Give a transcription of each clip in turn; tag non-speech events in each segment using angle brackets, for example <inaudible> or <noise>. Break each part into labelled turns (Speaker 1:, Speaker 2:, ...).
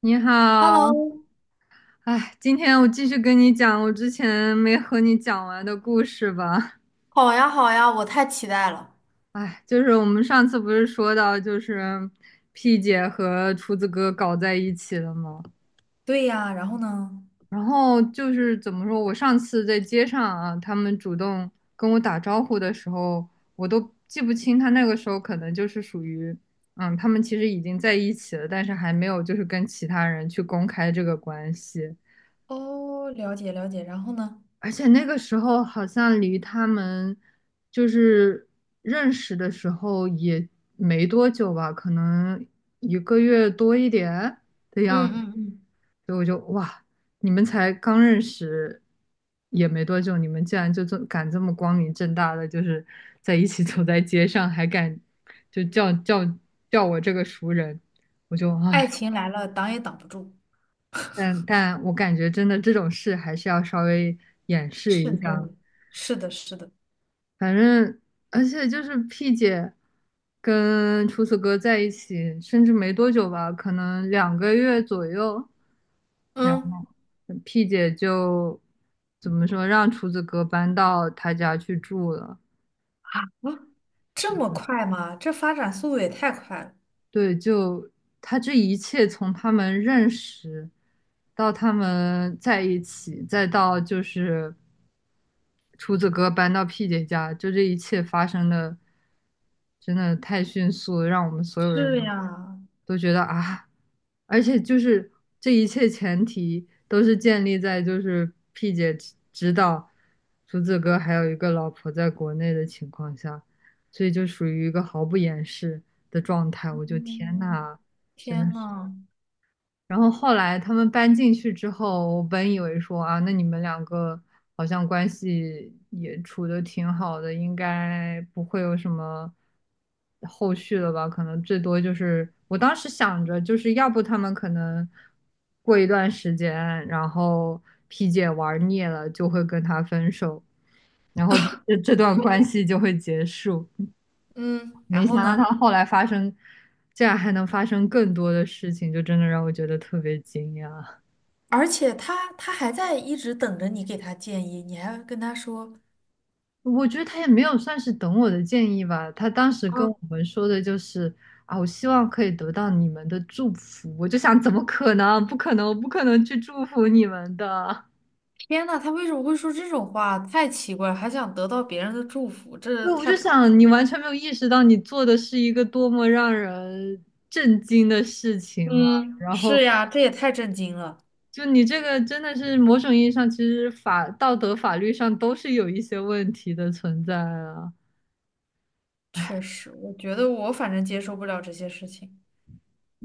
Speaker 1: 你好，
Speaker 2: Hello，
Speaker 1: 哎，今天我继续跟你讲我之前没和你讲完的故事吧。
Speaker 2: 好呀好呀，我太期待了。
Speaker 1: 哎，我们上次不是说到，P 姐和厨子哥搞在一起了吗？
Speaker 2: 对呀，然后呢？
Speaker 1: 然后就是怎么说，我上次在街上啊，他们主动跟我打招呼的时候，我都记不清他那个时候可能就是属于，他们其实已经在一起了，但是还没有跟其他人去公开这个关系。
Speaker 2: 哦，了解了解，然后呢？
Speaker 1: 而且那个时候好像离他们就是认识的时候也没多久吧，可能一个月多一点的
Speaker 2: 嗯
Speaker 1: 样子，
Speaker 2: 嗯嗯。
Speaker 1: 所以我就哇，你们才刚认识也没多久，你们竟然就这敢这么光明正大的在一起走在街上，还敢就叫我这个熟人，我就
Speaker 2: 爱
Speaker 1: 唉，
Speaker 2: 情来了，挡也挡不住。
Speaker 1: 但我感觉真的这种事还是要稍微掩饰一
Speaker 2: 慎重
Speaker 1: 下。
Speaker 2: 于是的，是的。
Speaker 1: 反正而且P 姐跟厨子哥在一起，甚至没多久吧，可能两个月左右，然后
Speaker 2: 嗯。
Speaker 1: P 姐就怎么说，让厨子哥搬到他家去住了。
Speaker 2: 啊，
Speaker 1: 是
Speaker 2: 这么
Speaker 1: 的，
Speaker 2: 快吗？这发展速度也太快了。
Speaker 1: 对，就他这一切从他们认识到他们在一起，再到就是。厨子哥搬到 P 姐家，就这一切发生的真的太迅速了让我们所有人
Speaker 2: 是
Speaker 1: 都
Speaker 2: 呀。
Speaker 1: 觉得啊，而且这一切前提都是建立在P 姐知道厨子哥还有一个老婆在国内的情况下，所以就属于一个毫不掩饰的状态。我就天
Speaker 2: 嗯，
Speaker 1: 呐，真
Speaker 2: 天
Speaker 1: 的是。
Speaker 2: 呐。
Speaker 1: 然后后来他们搬进去之后，我本以为说啊，那你们两个好像关系也处得挺好的，应该不会有什么后续了吧？可能最多就是我当时想着，要不他们可能过一段时间，然后皮姐玩腻了，就会跟他分手，然后这段关系就会结束。
Speaker 2: 嗯，然
Speaker 1: 没想
Speaker 2: 后
Speaker 1: 到
Speaker 2: 呢？
Speaker 1: 他后来发生，竟然还能发生更多的事情，就真的让我觉得特别惊讶。
Speaker 2: 而且他还在一直等着你给他建议，你还跟他说。
Speaker 1: 我觉得他也没有算是等我的建议吧，他当时跟我们说的就是啊，我希望可以得到你们的祝福。我就想，怎么可能？不可能，我不可能去祝福你们的。
Speaker 2: 天呐，他为什么会说这种话？太奇怪了，还想得到别人的祝福，这
Speaker 1: 对，我
Speaker 2: 太
Speaker 1: 就
Speaker 2: 不可思
Speaker 1: 想，你
Speaker 2: 议。
Speaker 1: 完全没有意识到你做的是一个多么让人震惊的事情嘛。
Speaker 2: 嗯，
Speaker 1: 然
Speaker 2: 是
Speaker 1: 后，
Speaker 2: 呀，这也太震惊了。
Speaker 1: 就你这个真的是某种意义上，其实法道德法律上都是有一些问题的存在啊。
Speaker 2: 确实，我觉得我反正接受不了这些事情。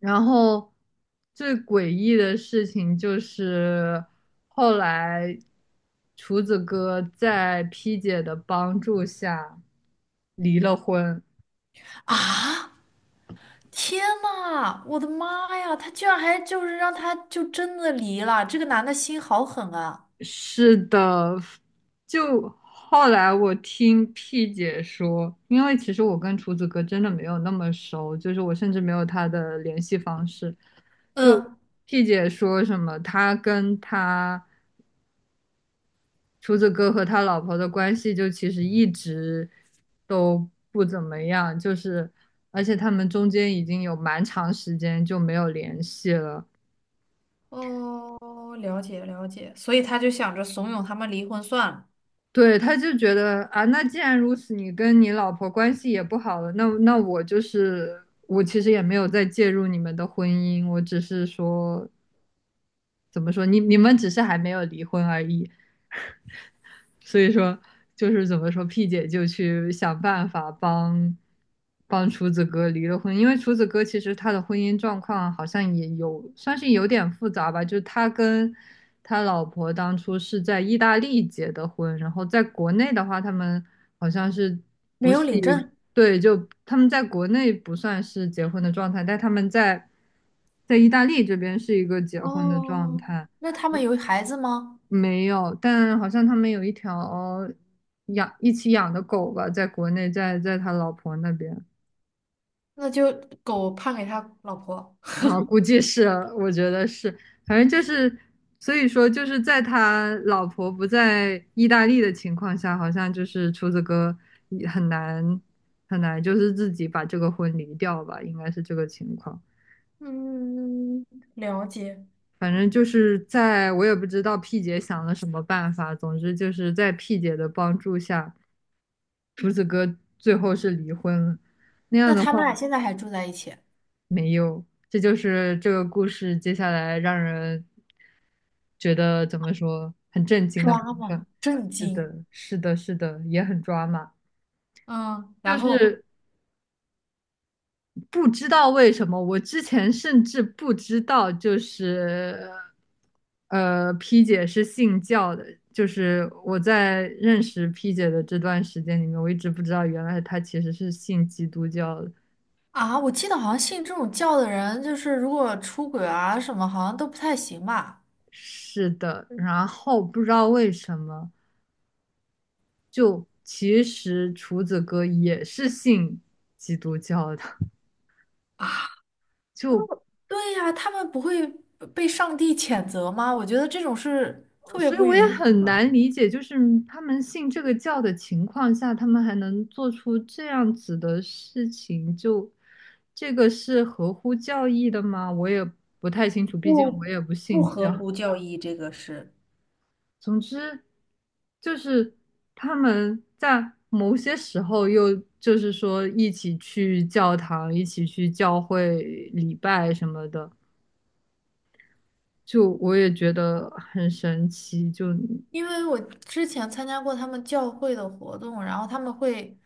Speaker 1: 然后最诡异的事情就是后来厨子哥在 P 姐的帮助下离了婚。
Speaker 2: 啊！天呐，我的妈呀，他居然还就是让他就真的离了，这个男的心好狠啊！
Speaker 1: 是的，就后来我听 P 姐说，因为其实我跟厨子哥真的没有那么熟，就是我甚至没有他的联系方式。就
Speaker 2: 嗯。
Speaker 1: P 姐说什么，他跟他。厨子哥和他老婆的关系就其实一直都不怎么样，而且他们中间已经有蛮长时间就没有联系了。
Speaker 2: 哦，了解了解，所以他就想着怂恿他们离婚算了。
Speaker 1: 对，他就觉得啊，那既然如此，你跟你老婆关系也不好了，那我就是我其实也没有再介入你们的婚姻，我只是说怎么说，你们只是还没有离婚而已。所以说就是怎么说，P 姐就去想办法帮厨子哥离了婚，因为厨子哥其实他的婚姻状况好像也有算是有点复杂吧，就是他跟他老婆当初是在意大利结的婚，然后在国内的话，他们好像是
Speaker 2: 没
Speaker 1: 不
Speaker 2: 有
Speaker 1: 是一
Speaker 2: 领证。
Speaker 1: 对，就他们在国内不算是结婚的状态，但他们在意大利这边是一个结婚的状
Speaker 2: 哦，
Speaker 1: 态。
Speaker 2: 那他们有孩子吗？
Speaker 1: 没有，但好像他们有一条养一起养的狗吧，在国内，在他老婆那边
Speaker 2: 那就狗判给他老婆。
Speaker 1: 啊，估计是，我觉得是，反正就是，所以说就是在他老婆不在意大利的情况下，好像就是厨子哥也很难很难，就是自己把这个婚离掉吧，应该是这个情况。
Speaker 2: 嗯，了解。
Speaker 1: 反正就是在我也不知道 P 姐想了什么办法，总之就是在 P 姐的帮助下。胡子哥最后是离婚了，那样
Speaker 2: 那
Speaker 1: 的
Speaker 2: 他
Speaker 1: 话
Speaker 2: 们俩现在还住在一起？
Speaker 1: 没有，这就是这个故事接下来让人觉得怎么说很震惊的部
Speaker 2: 抓
Speaker 1: 分。
Speaker 2: 嘛，震
Speaker 1: 是
Speaker 2: 惊！
Speaker 1: 的，是的，是的，也很抓马。
Speaker 2: 嗯，
Speaker 1: 就
Speaker 2: 然后。
Speaker 1: 是不知道为什么，我之前甚至不知道，P 姐是信教的。就是我在认识 P 姐的这段时间里面，我一直不知道原来她其实是信基督教的。
Speaker 2: 啊，我记得好像信这种教的人，就是如果出轨啊什么，好像都不太行吧？
Speaker 1: 是的，然后不知道为什么，就其实厨子哥也是信基督教的，
Speaker 2: 啊。
Speaker 1: 就
Speaker 2: 对呀，他们不会被上帝谴责吗？我觉得这种是特别
Speaker 1: 所以
Speaker 2: 不
Speaker 1: 我也
Speaker 2: 允许
Speaker 1: 很
Speaker 2: 的。
Speaker 1: 难理解，就是他们信这个教的情况下，他们还能做出这样子的事情，就这个是合乎教义的吗？我也不太清楚，毕竟我
Speaker 2: 不
Speaker 1: 也不
Speaker 2: 不
Speaker 1: 信
Speaker 2: 合
Speaker 1: 教。
Speaker 2: 乎教义，这个是。
Speaker 1: 总之，就是他们在某些时候又就是说一起去教堂，一起去教会礼拜什么的，就我也觉得很神奇，就嗯，
Speaker 2: 因为我之前参加过他们教会的活动，然后他们会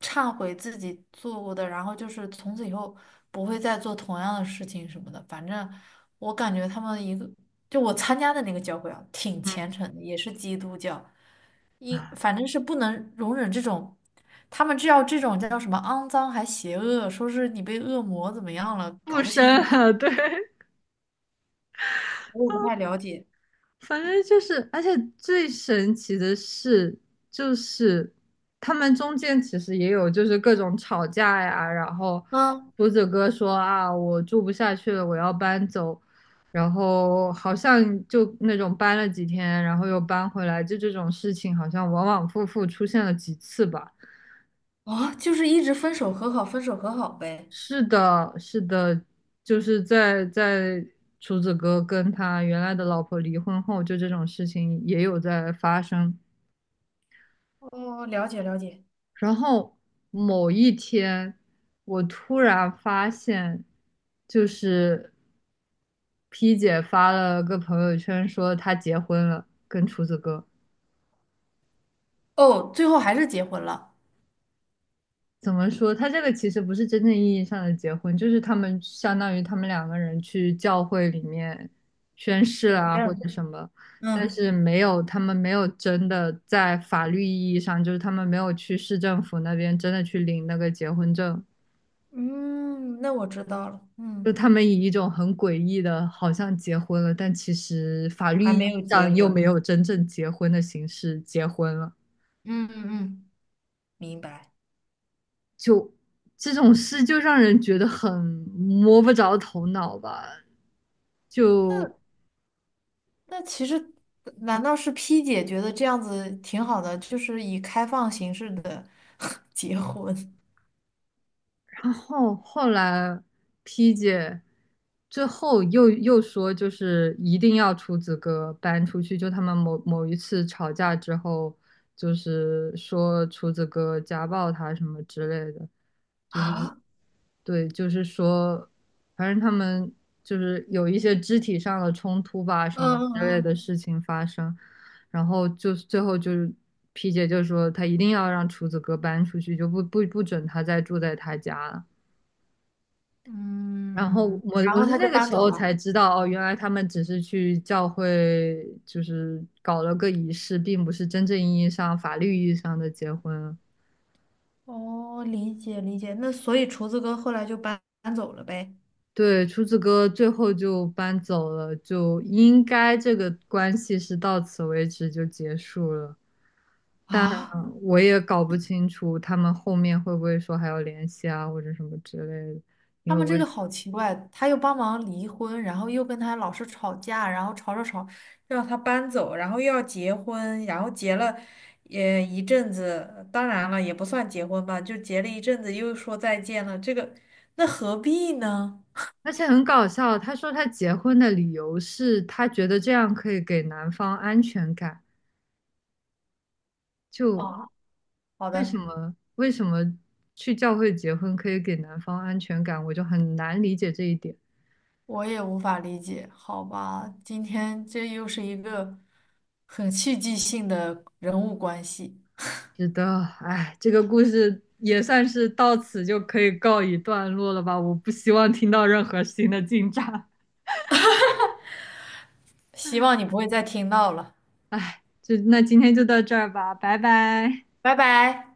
Speaker 2: 忏悔自己做过的，然后就是从此以后不会再做同样的事情什么的。反正我感觉他们一个，就我参加的那个教会啊，挺虔诚的，也是基督教，一反正是不能容忍这种，他们知道这种叫什么肮脏还邪恶，说是你被恶魔怎么样了，搞
Speaker 1: 附
Speaker 2: 不清
Speaker 1: 身
Speaker 2: 楚，
Speaker 1: 了，对，
Speaker 2: 我也不太了解。
Speaker 1: 反正就是，而且最神奇的是，就是他们中间其实也有各种吵架呀，然后
Speaker 2: 嗯。
Speaker 1: 胡子哥说啊，我住不下去了，我要搬走，然后好像就那种搬了几天，然后又搬回来，就这种事情好像往往复复出现了几次吧。
Speaker 2: 啊，就是一直分手和好，分手和好呗。
Speaker 1: 是的，是的，就是在厨子哥跟他原来的老婆离婚后，就这种事情也有在发生。
Speaker 2: 哦，了解了解。
Speaker 1: 然后某一天，我突然发现，就是 P 姐发了个朋友圈说她结婚了，跟厨子哥。
Speaker 2: 哦，最后还是结婚了。
Speaker 1: 怎么说？他这个其实不是真正意义上的结婚，就是他们相当于他们两个人去教会里面宣誓
Speaker 2: 领
Speaker 1: 啊，或
Speaker 2: 证。
Speaker 1: 者什么，但
Speaker 2: 嗯
Speaker 1: 是没有，他们没有真的在法律意义上，就是他们没有去市政府那边真的去领那个结婚证。
Speaker 2: 嗯，那我知道了。
Speaker 1: 就
Speaker 2: 嗯，
Speaker 1: 他们以一种很诡异的，好像结婚了，但其实法律
Speaker 2: 还
Speaker 1: 意
Speaker 2: 没有
Speaker 1: 义
Speaker 2: 结
Speaker 1: 上又
Speaker 2: 婚，
Speaker 1: 没有真正结婚的形式结婚了，
Speaker 2: 嗯嗯嗯，明白。
Speaker 1: 就这种事就让人觉得很摸不着头脑吧。就
Speaker 2: 那那其实难道是 P 姐觉得这样子挺好的，就是以开放形式的 <laughs> 结婚。
Speaker 1: 然后后来 P 姐最后又说，一定要厨子哥搬出去。就他们某某一次吵架之后，就是说厨子哥家暴她什么之类的。
Speaker 2: <laughs>
Speaker 1: 就是
Speaker 2: 啊，
Speaker 1: 对，就是说，反正他们有一些肢体上的冲突吧，什么
Speaker 2: 嗯
Speaker 1: 之类的
Speaker 2: 嗯
Speaker 1: 事情发生，然后就是最后就是皮姐就说她一定要让厨子哥搬出去，就不准他再住在他家了。然后
Speaker 2: 嗯。嗯，
Speaker 1: 我
Speaker 2: 然
Speaker 1: 我
Speaker 2: 后
Speaker 1: 是
Speaker 2: 他就
Speaker 1: 那个
Speaker 2: 搬
Speaker 1: 时
Speaker 2: 走
Speaker 1: 候
Speaker 2: 了。
Speaker 1: 才知道，哦，原来他们只是去教会，就是搞了个仪式，并不是真正意义上法律意义上的结婚。
Speaker 2: 哦，理解理解。那所以厨子哥后来就搬走了呗？
Speaker 1: 对，厨子哥最后就搬走了，就应该这个关系是到此为止就结束了。但
Speaker 2: 啊？
Speaker 1: 我也搞不清楚他们后面会不会说还要联系啊，或者什么之类的，因
Speaker 2: 他
Speaker 1: 为
Speaker 2: 们
Speaker 1: 我
Speaker 2: 这
Speaker 1: 也，
Speaker 2: 个好奇怪，他又帮忙离婚，然后又跟他老是吵架，然后吵吵吵，让他搬走，然后又要结婚，然后结了也一阵子，当然了，也不算结婚吧，就结了一阵子，又说再见了，这个那何必呢？
Speaker 1: 而且很搞笑，他说他结婚的理由是他觉得这样可以给男方安全感，就
Speaker 2: 啊，好
Speaker 1: 为什
Speaker 2: 的。
Speaker 1: 么为什么去教会结婚可以给男方安全感，我就很难理解这一点。
Speaker 2: 我也无法理解。好吧，今天这又是一个很戏剧性的人物关系。
Speaker 1: 知道，哎，这个故事也算是到此就可以告一段落了吧？我不希望听到任何新的进展。
Speaker 2: 希望你不会再听到了。
Speaker 1: 就那今天就到这儿吧，拜拜。
Speaker 2: 拜拜。